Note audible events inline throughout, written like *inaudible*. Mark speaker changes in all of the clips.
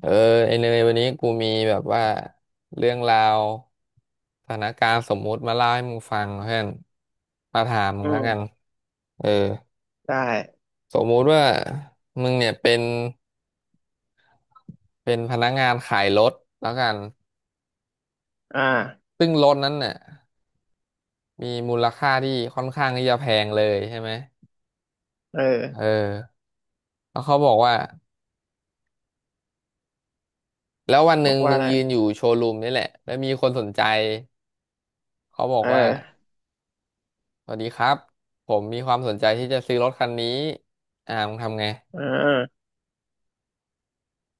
Speaker 1: เออไอเนยวันนี้กูมีแบบว่าเรื่องราวสถานการณ์สมมุติมาเล่าให้มึงฟังเพื่อนมาถามมึ
Speaker 2: อื
Speaker 1: งแล้ว
Speaker 2: ม
Speaker 1: กันเออ
Speaker 2: ได้
Speaker 1: สมมุติว่ามึงเนี่ยเป็นพนักงานขายรถแล้วกัน
Speaker 2: อ่า
Speaker 1: ซึ่งรถนั้นเนี่ยมีมูลค่าที่ค่อนข้างที่จะแพงเลยใช่ไหม
Speaker 2: เออ
Speaker 1: เออแล้วเขาบอกว่าแล้ววันห
Speaker 2: บ
Speaker 1: นึ่
Speaker 2: อ
Speaker 1: ง
Speaker 2: กว่า
Speaker 1: มึง
Speaker 2: อะไร
Speaker 1: ยืนอยู่โชว์รูมนี่แหละแล้วมีคนสนใจเขาบอก
Speaker 2: เอ
Speaker 1: ว่า
Speaker 2: อ
Speaker 1: สวัสดีครับผมมีความสนใจที่จะซื้อรถคันนี้อ่ามึงทำไง
Speaker 2: เอ่า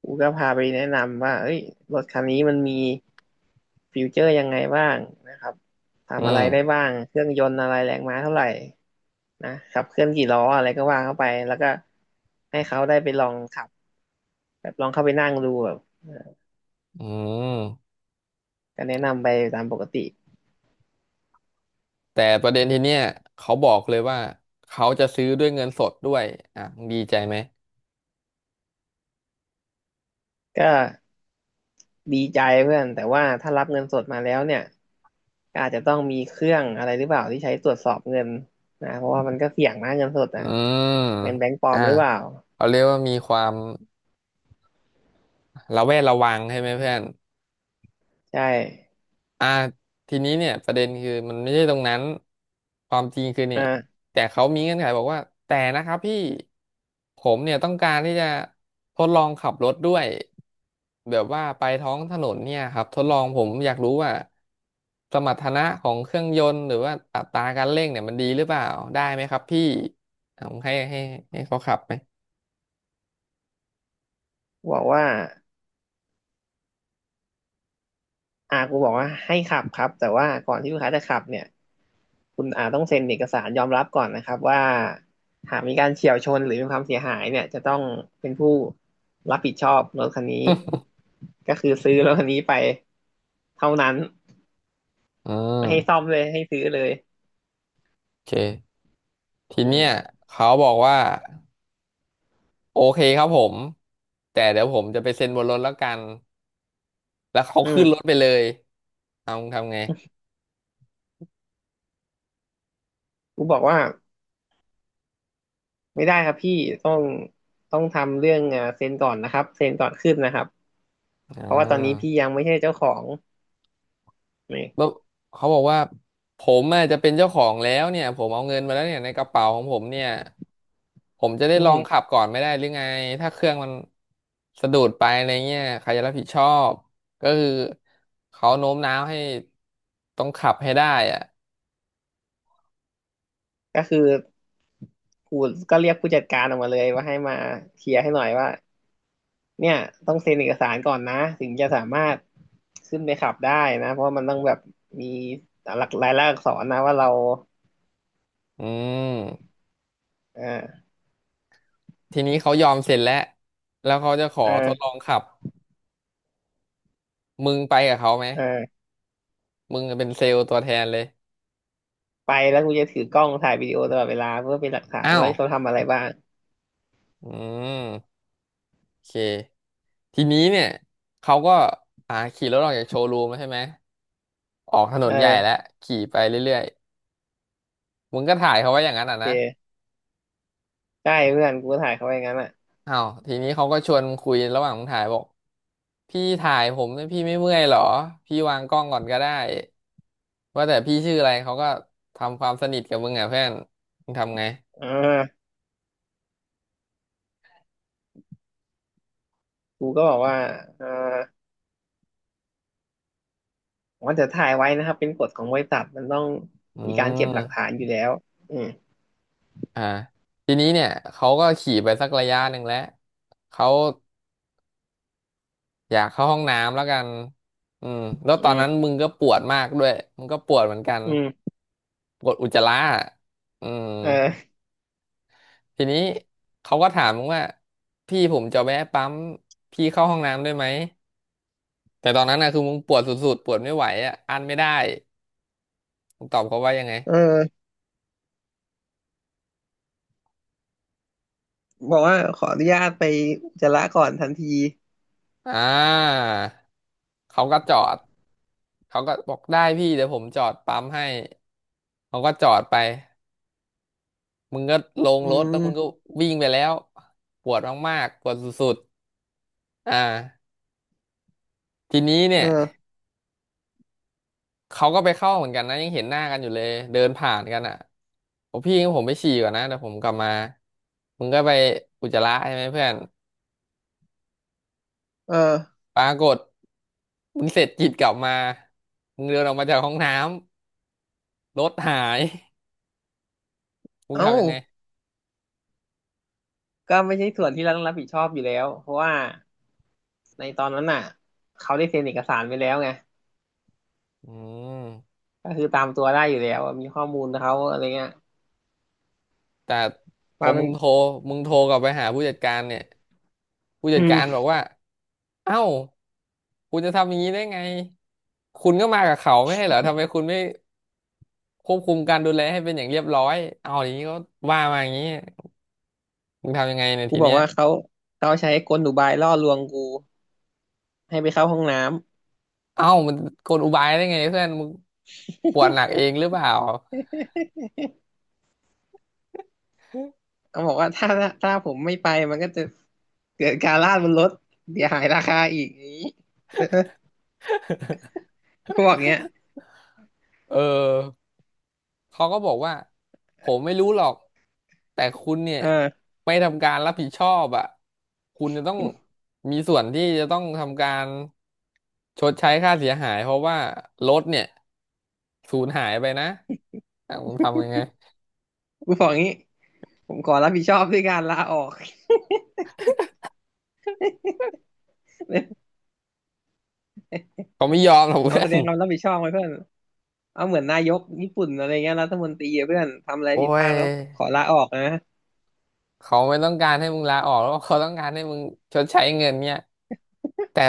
Speaker 2: กูก็พาไปแนะนำว่าเอ้ยรถคันนี้มันมีฟิวเจอร์ยังไงบ้างนะครับ
Speaker 1: อื
Speaker 2: ทำอะไรได้
Speaker 1: ม
Speaker 2: บ้าง เครื่องยนต์อะไรแรงม้าเท่าไหร่นะขับเคลื่อนกี่ล้ออะไรก็ว่าเข้าไป แล้วก็ให้เขาได้ไปลองขับ แบบลองเข้าไปนั่งดูแบบ
Speaker 1: อืม
Speaker 2: ก็แนะนำไปตามปกติ
Speaker 1: แต่ประเด็นทีเนี้ยเขาบอกเลยว่าเขาจะซื้อด้วยเงินสดด้วยอ่ะมึงดีใจไหม
Speaker 2: ก็ ดีใจเพื่อนแต่ว่าถ้ารับเงินสดมาแล้วเนี่ยก็อาจจะต้องมีเครื่องอะไรหรือเปล่าที่ใช้ตรวจสอบเงินนะเพราะว่ามันก็เสี่ยงนะเงินสด
Speaker 1: อื
Speaker 2: อ่ะ
Speaker 1: ม
Speaker 2: เป็นแบงก์ปลอ
Speaker 1: อ่า
Speaker 2: มหรือเปล่า
Speaker 1: เขาเรียกว่ามีความระแวดระวังใช่ไหมเพื่อน
Speaker 2: ใช่
Speaker 1: อ่าทีนี้เนี่ยประเด็นคือมันไม่ใช่ตรงนั้นความจริงคือเนี่ย
Speaker 2: อ่า
Speaker 1: แต่เขามีเงื่อนไขบอกว่าแต่นะครับพี่ผมเนี่ยต้องการที่จะทดลองขับรถด้วยแบบว่าไปท้องถนนเนี่ยครับทดลองผมอยากรู้ว่าสมรรถนะของเครื่องยนต์หรือว่าอัตราการเร่งเนี่ยมันดีหรือเปล่าได้ไหมครับพี่ผมให้ให้เขาขับไหม
Speaker 2: บอกว่ากูบอกว่าให้ขับครับแต่ว่าก่อนที่ลูกค้าจะขับเนี่ยคุณอาต้องเซ็นเอกสารยอมรับก่อนนะครับว่าหากมีการเฉี่ยวชนหรือมีความเสียหายเนี่ยจะต้องเป็นผู้รับผิดชอบรถคันนี้ก็คือซื้อรถคันนี้ไปเท่านั้น
Speaker 1: *laughs* อื
Speaker 2: ไม่ให้ซ่อ
Speaker 1: ม
Speaker 2: มเลยให้ซื้อเลย
Speaker 1: โอเคที
Speaker 2: อื
Speaker 1: เนี้ย
Speaker 2: ม
Speaker 1: เขาบอกว่า โอเคครับผมแต่เดี๋ยวผมจะไปเซ็นบนรถแล้วกันแล้วเขา
Speaker 2: อื
Speaker 1: ขึ้นรถ
Speaker 2: ม
Speaker 1: ไปเลยเอาทำไง
Speaker 2: กูบอกว่าไม่ได้ครับพี่ต้องต้องทำเรื่องเซ็นก่อนนะครับเซ็นก่อนขึ้นนะครับเพ
Speaker 1: อ่า
Speaker 2: ราะว่าตอนนี้พี่ยังไม่ใช่เจ้าของนี่
Speaker 1: แล้วเขาบอกว่าผมอาจจะเป็นเจ้าของแล้วเนี่ยผมเอาเงินมาแล้วเนี่ยในกระเป๋าของผมเนี่ยผมจะได้
Speaker 2: อื
Speaker 1: ลอ
Speaker 2: ม
Speaker 1: งขับก่อนไม่ได้หรือไงถ้าเครื่องมันสะดุดไปอะไรเงี้ยใครจะรับผิดชอบก็คือเขาโน้มน้าวให้ต้องขับให้ได้อ่ะ
Speaker 2: ก็คือกูก็เรียกผู้จัดการออกมาเลยว่าให้มาเคลียร์ให้หน่อยว่าเนี่ยต้องเซ็นเอกสารก่อนนะถึงจะสามารถขึ้นไปขับได้นะเพราะว่ามันต้องแบบมีหลักลายลักษณ์อักษรนะว่าเรา
Speaker 1: อืม
Speaker 2: เออ
Speaker 1: ทีนี้เขายอมเสร็จแล้วแล้วเขาจะขอ
Speaker 2: เอ
Speaker 1: ทดลอ
Speaker 2: อ
Speaker 1: งขับ มึงไปกับเขาไหม
Speaker 2: เออ
Speaker 1: มึงเป็นเซลล์ตัวแทนเลย
Speaker 2: ไปแล้วกูจะถือกล้องถ่ายวิดีโอตลอดเวลาเพื่อเป็นหลักฐาน
Speaker 1: อ้า
Speaker 2: ว่า
Speaker 1: ว
Speaker 2: เขาทำอะไรบ้าง
Speaker 1: อืมโอเคทีนี้เนี่ยเขาก็อ่าขี่รถออกจากโชว์รูมแล้วใช่ไหมออกถน
Speaker 2: เออ
Speaker 1: นใหญ่แล้วขี่ไปเรื่อยๆมึงก็ถ่ายเขาไว้อย่างนั้น
Speaker 2: โอ
Speaker 1: อ่ะ
Speaker 2: เค
Speaker 1: นะ
Speaker 2: ใช่เพื่อนกูก็ถ่ายเขาไว้อย่างนั้นอ่ะ
Speaker 1: อ้าวทีนี้เขาก็ชวนมึงคุยระหว่างมึงถ่ายบอกพี่ถ่ายผมเนี่ยพี่ไม่เมื่อยหรอพี่วางกล้องก่อนก็ได้ว่าแต่พี่ชื่ออะไรเขาก็ทำความสนิทกับมึงอ่ะเพื่อนมึงทำไง
Speaker 2: อ่ากูก็บอกว่าเออว่าจะถ่ายไว้นะครับเป็นกฎของบริษัทมันต้อง
Speaker 1: อื
Speaker 2: มีการเก็บ
Speaker 1: ม
Speaker 2: หลักฐานอยู่แล้วอืม
Speaker 1: อ่าทีนี้เนี่ยเขาก็ขี่ไปสักระยะหนึ่งแล้วเขาอยากเข้าห้องน้ำแล้วกันอืมแล้วตอ
Speaker 2: อื
Speaker 1: นนั้น
Speaker 2: ม
Speaker 1: มึงก็ปวดมากด้วยมึงก็ปวดเหมือนกัน
Speaker 2: อืม
Speaker 1: ปวดอุจจาระอะอืม
Speaker 2: เออ
Speaker 1: ทีนี้เขาก็ถามมึงว่าพี่ผมจะแวะปั๊มพี่เข้าห้องน้ำได้ไหมแต่ตอนนั้นนะคือมึงปวดสุดๆปวดไม่ไหวอ่ะอั้นไม่ได้มึงตอบเขาว่ายังไง
Speaker 2: เออบอกว่าขออนุญาตไปอุจจาระก่อนทันที
Speaker 1: อ่าเขาก็จอดเขาก็บอกได้พี่เดี๋ยวผมจอดปั๊มให้เขาก็จอดไป มึงก็ลง
Speaker 2: อื
Speaker 1: รถแล้วมึงก็
Speaker 2: ม
Speaker 1: วิ่งไปแล้วปวดมากๆปวดสุดๆอ่าทีนี้
Speaker 2: เอ
Speaker 1: เนี่ย
Speaker 2: อ
Speaker 1: เขาก็ไปเข้าเหมือนกันนะยังเห็นหน้ากันอยู่เลยเดินผ่านกันอ่ะผมพี่งั้นผมไปฉี่ก่อนนะเดี๋ยวผมกลับมามึงก็ไปอุจจาระใช่ไหมเพื่อน
Speaker 2: เออ
Speaker 1: ปรากฏมึงเสร็จกิจกลับมามึงเดินออกมาจากห้องน้ำรถหาย *laughs* มึง
Speaker 2: เอ้า
Speaker 1: ทำยังไง
Speaker 2: ก็ไม่ใช่ส่วนที่เราต้องรับผิดชอบอยู่แล้วเพราะว่าในตอนนั้นน่ะเขาได้เซ็นเอกสารไปแล้วไง
Speaker 1: อืม
Speaker 2: ก็คือตามตัวได้อยู่แล้วอะมีข้อมูลเขาอะไรเงี้ย
Speaker 1: แต่พอ
Speaker 2: ว่ามั
Speaker 1: มึ
Speaker 2: น
Speaker 1: งโทรมึงโทรกลับไปหาผู้จัดการเนี่ยผู้จั
Speaker 2: อื
Speaker 1: ดการบอ
Speaker 2: ม
Speaker 1: กว่าเอ้าคุณจะทำอย่างนี้ได้ไงคุณก็มากับเขาไม่ใช่เหรอทำไมคุณไม่ควบคุมการดูแลให้เป็นอย่างเรียบร้อยเอาอย่างนี้ก็ว่ามาอย่างนี้มึงทำยังไงในย
Speaker 2: กู
Speaker 1: ที
Speaker 2: บอก
Speaker 1: เนี้ย
Speaker 2: ว่าเขาใช้กลอุบายล่อลวงกูให้ไปเข้าห้องน้ำ
Speaker 1: เอ้ามันกลอุบายได้ไงเพื่อนมึงปวดหนักเองหรือเปล่า
Speaker 2: *laughs* เขาบอกว่าถ้าผมไม่ไปมันก็จะเกิดการลาดบนรถเสียหายราคาอีกอย่างนี้
Speaker 1: *laughs*
Speaker 2: *laughs* เออกูบอกเงี้ย
Speaker 1: เออ เขาก็บอกว่าผมไม่รู้หรอกแต่คุณเนี่ย
Speaker 2: เออ
Speaker 1: ไม่ทำการรับผิดชอบอ่ะคุณจะต้องมีส่วนที่จะต้องทำการชดใช้ค่าเสียหายเพราะว่ารถเนี่ยสูญหายไปนะอ่ะผมทำยังไง
Speaker 2: กูบอกงี้ผมขอรับผิดชอบด้วยการลาออก
Speaker 1: เขาไม่ยอมหรอก
Speaker 2: *laughs* เอา
Speaker 1: เพื่อ
Speaker 2: แสด
Speaker 1: น
Speaker 2: งความรับผิดชอบไว้เพื่อนเอาเหมือนนายกญี่ปุ่นอะไรเงี้ยรัฐมนตรีอะเพื่อนทำอะไร
Speaker 1: โอ้
Speaker 2: ผิดพลา
Speaker 1: ย
Speaker 2: ดแล้วขอลาออกนะ
Speaker 1: เขาไม่ต้องการให้มึงลาออกแล้วเขาต้องการให้มึงชดใช้เงินเนี่ยแต่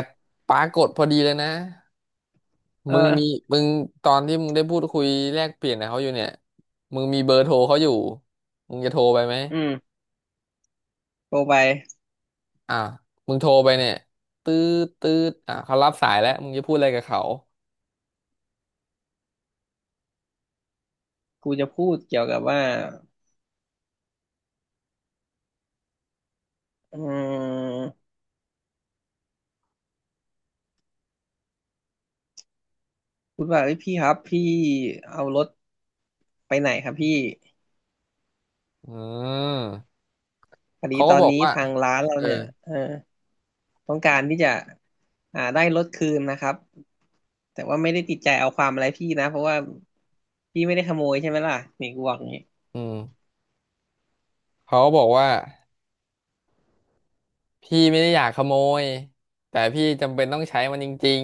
Speaker 1: ปรากฏพอดีเลยนะ
Speaker 2: เออ
Speaker 1: มึงมีมึงตอนที่มึงได้พูดคุยแลกเปลี่ยนกับเขาอยู่เนี่ยมึงมีเบอร์โทรเขาอยู่มึงจะโทรไปไหม
Speaker 2: อืม โทรไป
Speaker 1: อ่ะมึงโทรไปเนี่ยตืดตืดอ่ะเขารับสายแล้วมึงจะพูดอะไรกับเขา
Speaker 2: กูจะพูดเกี่ยวกับว่าอืมพูดว่าเอ้ยพี่ครับพี่เอารถไปไหนครับพี่
Speaker 1: อืม
Speaker 2: พอดี
Speaker 1: เขา
Speaker 2: ต
Speaker 1: ก็
Speaker 2: อ
Speaker 1: บ
Speaker 2: น
Speaker 1: อก
Speaker 2: นี้
Speaker 1: ว่า
Speaker 2: ทางร้านเรา
Speaker 1: เออ
Speaker 2: เนี่ยเออต้องการที่จะอ่าได้รถคืนนะครับแต่ว่าไม่ได้ติดใจเอาความอะไรพี่นะเพราะว่าพี่ไม่ได้ขโมยใช่ไหมล่ะนี่กูบอกอย่างนี้
Speaker 1: อืมเขาก็บอกว่าพี่ไม่ได้อยากขโมยแต่พี่จำเป็นต้องใช้มันจริง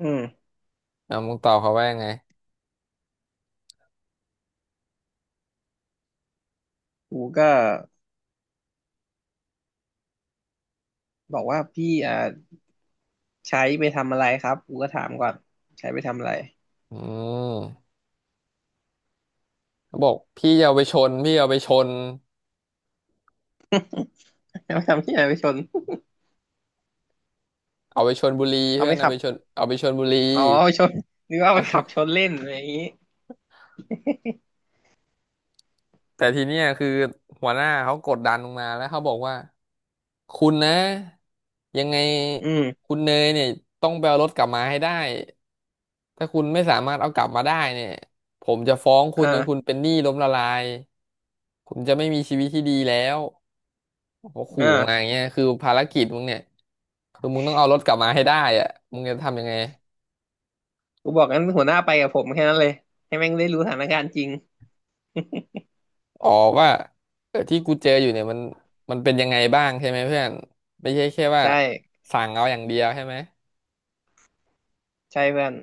Speaker 2: อืม
Speaker 1: ๆอ่ะมึงตอบเขาว่ายังไง
Speaker 2: กูก็บอกว่าพี่อ่าใช้ไปทำอะไรครับกูก็ถามก่อนใช้ไปทำอะไร
Speaker 1: อืมเขาบอกพี่จะเอาไปชนพี่เอาไปชน
Speaker 2: *laughs* เอา *laughs* ไปทำที่ไหนไปชน
Speaker 1: เอาไปชนบุรี
Speaker 2: เอา
Speaker 1: เพื่อ
Speaker 2: ไป
Speaker 1: น
Speaker 2: ขับ
Speaker 1: เอาไปชนบุรี
Speaker 2: อ๋อชนนึกว่าไปขับช
Speaker 1: *laughs*
Speaker 2: นเล่นอะไรอย่างนี้
Speaker 1: แต่ทีเนี้ยคือหัวหน้าเขากดดันลงมาแล้วเขาบอกว่าคุณนะยังไง
Speaker 2: อืม
Speaker 1: คุณเนยเนี่ยต้องไปเอารถกลับมาให้ได้ถ้าคุณไม่สามารถเอากลับมาได้เนี่ยผมจะฟ้องคุณจนคุณ
Speaker 2: อ่า
Speaker 1: เป็นหนี้ล้มละลายคุณจะไม่มีชีวิตที่ดีแล้วโอ้โหขู่มาอย่าง
Speaker 2: อ่า
Speaker 1: เงี้ยคือภารกิจมึงเนี่ยคือมึงต้องเอารถกลับมาให้ได้อะมึงจะทำยังไง
Speaker 2: กูบอกงั้นหัวหน้าไปกับผมแค่นั้นเลยให้แม่งได้รู้สถานการณ์จริง
Speaker 1: อ๋อว่าเออที่กูเจออยู่เนี่ยมันเป็นยังไงบ้างใช่ไหมเพื่อนไม่ใช่แค่ว่า
Speaker 2: ใช่
Speaker 1: สั่งเอาอย่างเดียวใช่ไหม
Speaker 2: ใช่เพื่อน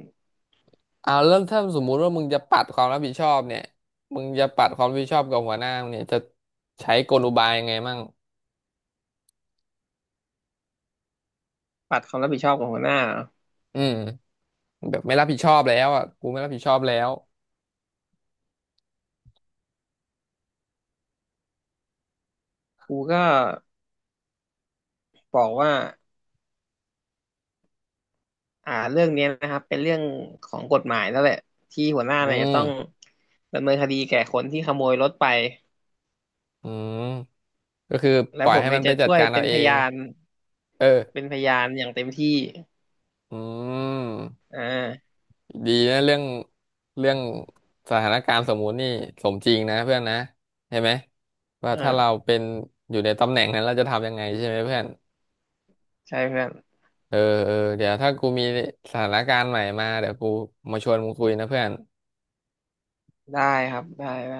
Speaker 1: เอาแล้วถ้าสมมุติว่ามึงจะปัดความรับผิดชอบเนี่ยมึงจะปัดความรับผิดชอบกับหัวหน้ามึงเนี่ยจะใช้กลอุบายยังไงมั่ง
Speaker 2: ปัดความรับผิดชอบของหัวหน้า
Speaker 1: อืมแบบไม่รับผิดชอบแล้วอ่ะกูไม่รับผิดชอบแล้ว
Speaker 2: กูก็บอกว่าอ่าเรื่องเนี้ยนะครับเป็นเรื่องของกฎหมายแล้วแหละที่หัวหน้า
Speaker 1: อื
Speaker 2: เนี่ยจะ
Speaker 1: ม
Speaker 2: ต้องดำเนินคดีแก่คนที่ขโมยรถไป
Speaker 1: อืมก็คือป
Speaker 2: และ
Speaker 1: ล่อ
Speaker 2: ผ
Speaker 1: ย
Speaker 2: ม
Speaker 1: ให้
Speaker 2: เนี่
Speaker 1: มัน
Speaker 2: ย
Speaker 1: ไป
Speaker 2: จะ
Speaker 1: จัด
Speaker 2: ช่วย
Speaker 1: การ
Speaker 2: เป็
Speaker 1: เอา
Speaker 2: น
Speaker 1: เอ
Speaker 2: พ
Speaker 1: ง
Speaker 2: ยาน
Speaker 1: เออ
Speaker 2: เป็นพยานอย่างเต็มที่
Speaker 1: อืม
Speaker 2: อ่า
Speaker 1: ดีนะเรื่องสถานการณ์สมมุตินี่สมจริงนะเพื่อนนะเห็นไหมว่าถ้าเรา
Speaker 2: อ่า
Speaker 1: เป็นอยู่ในตำแหน่งนั้นเราจะทำยังไงใช่ไหมเพื่อน
Speaker 2: ใช่เพื่อน
Speaker 1: เออเออเดี๋ยวถ้ากูมีสถานการณ์ใหม่มาเดี๋ยวกูมาชวนมึงคุยนะเพื่อน
Speaker 2: ได้ครับได้ได้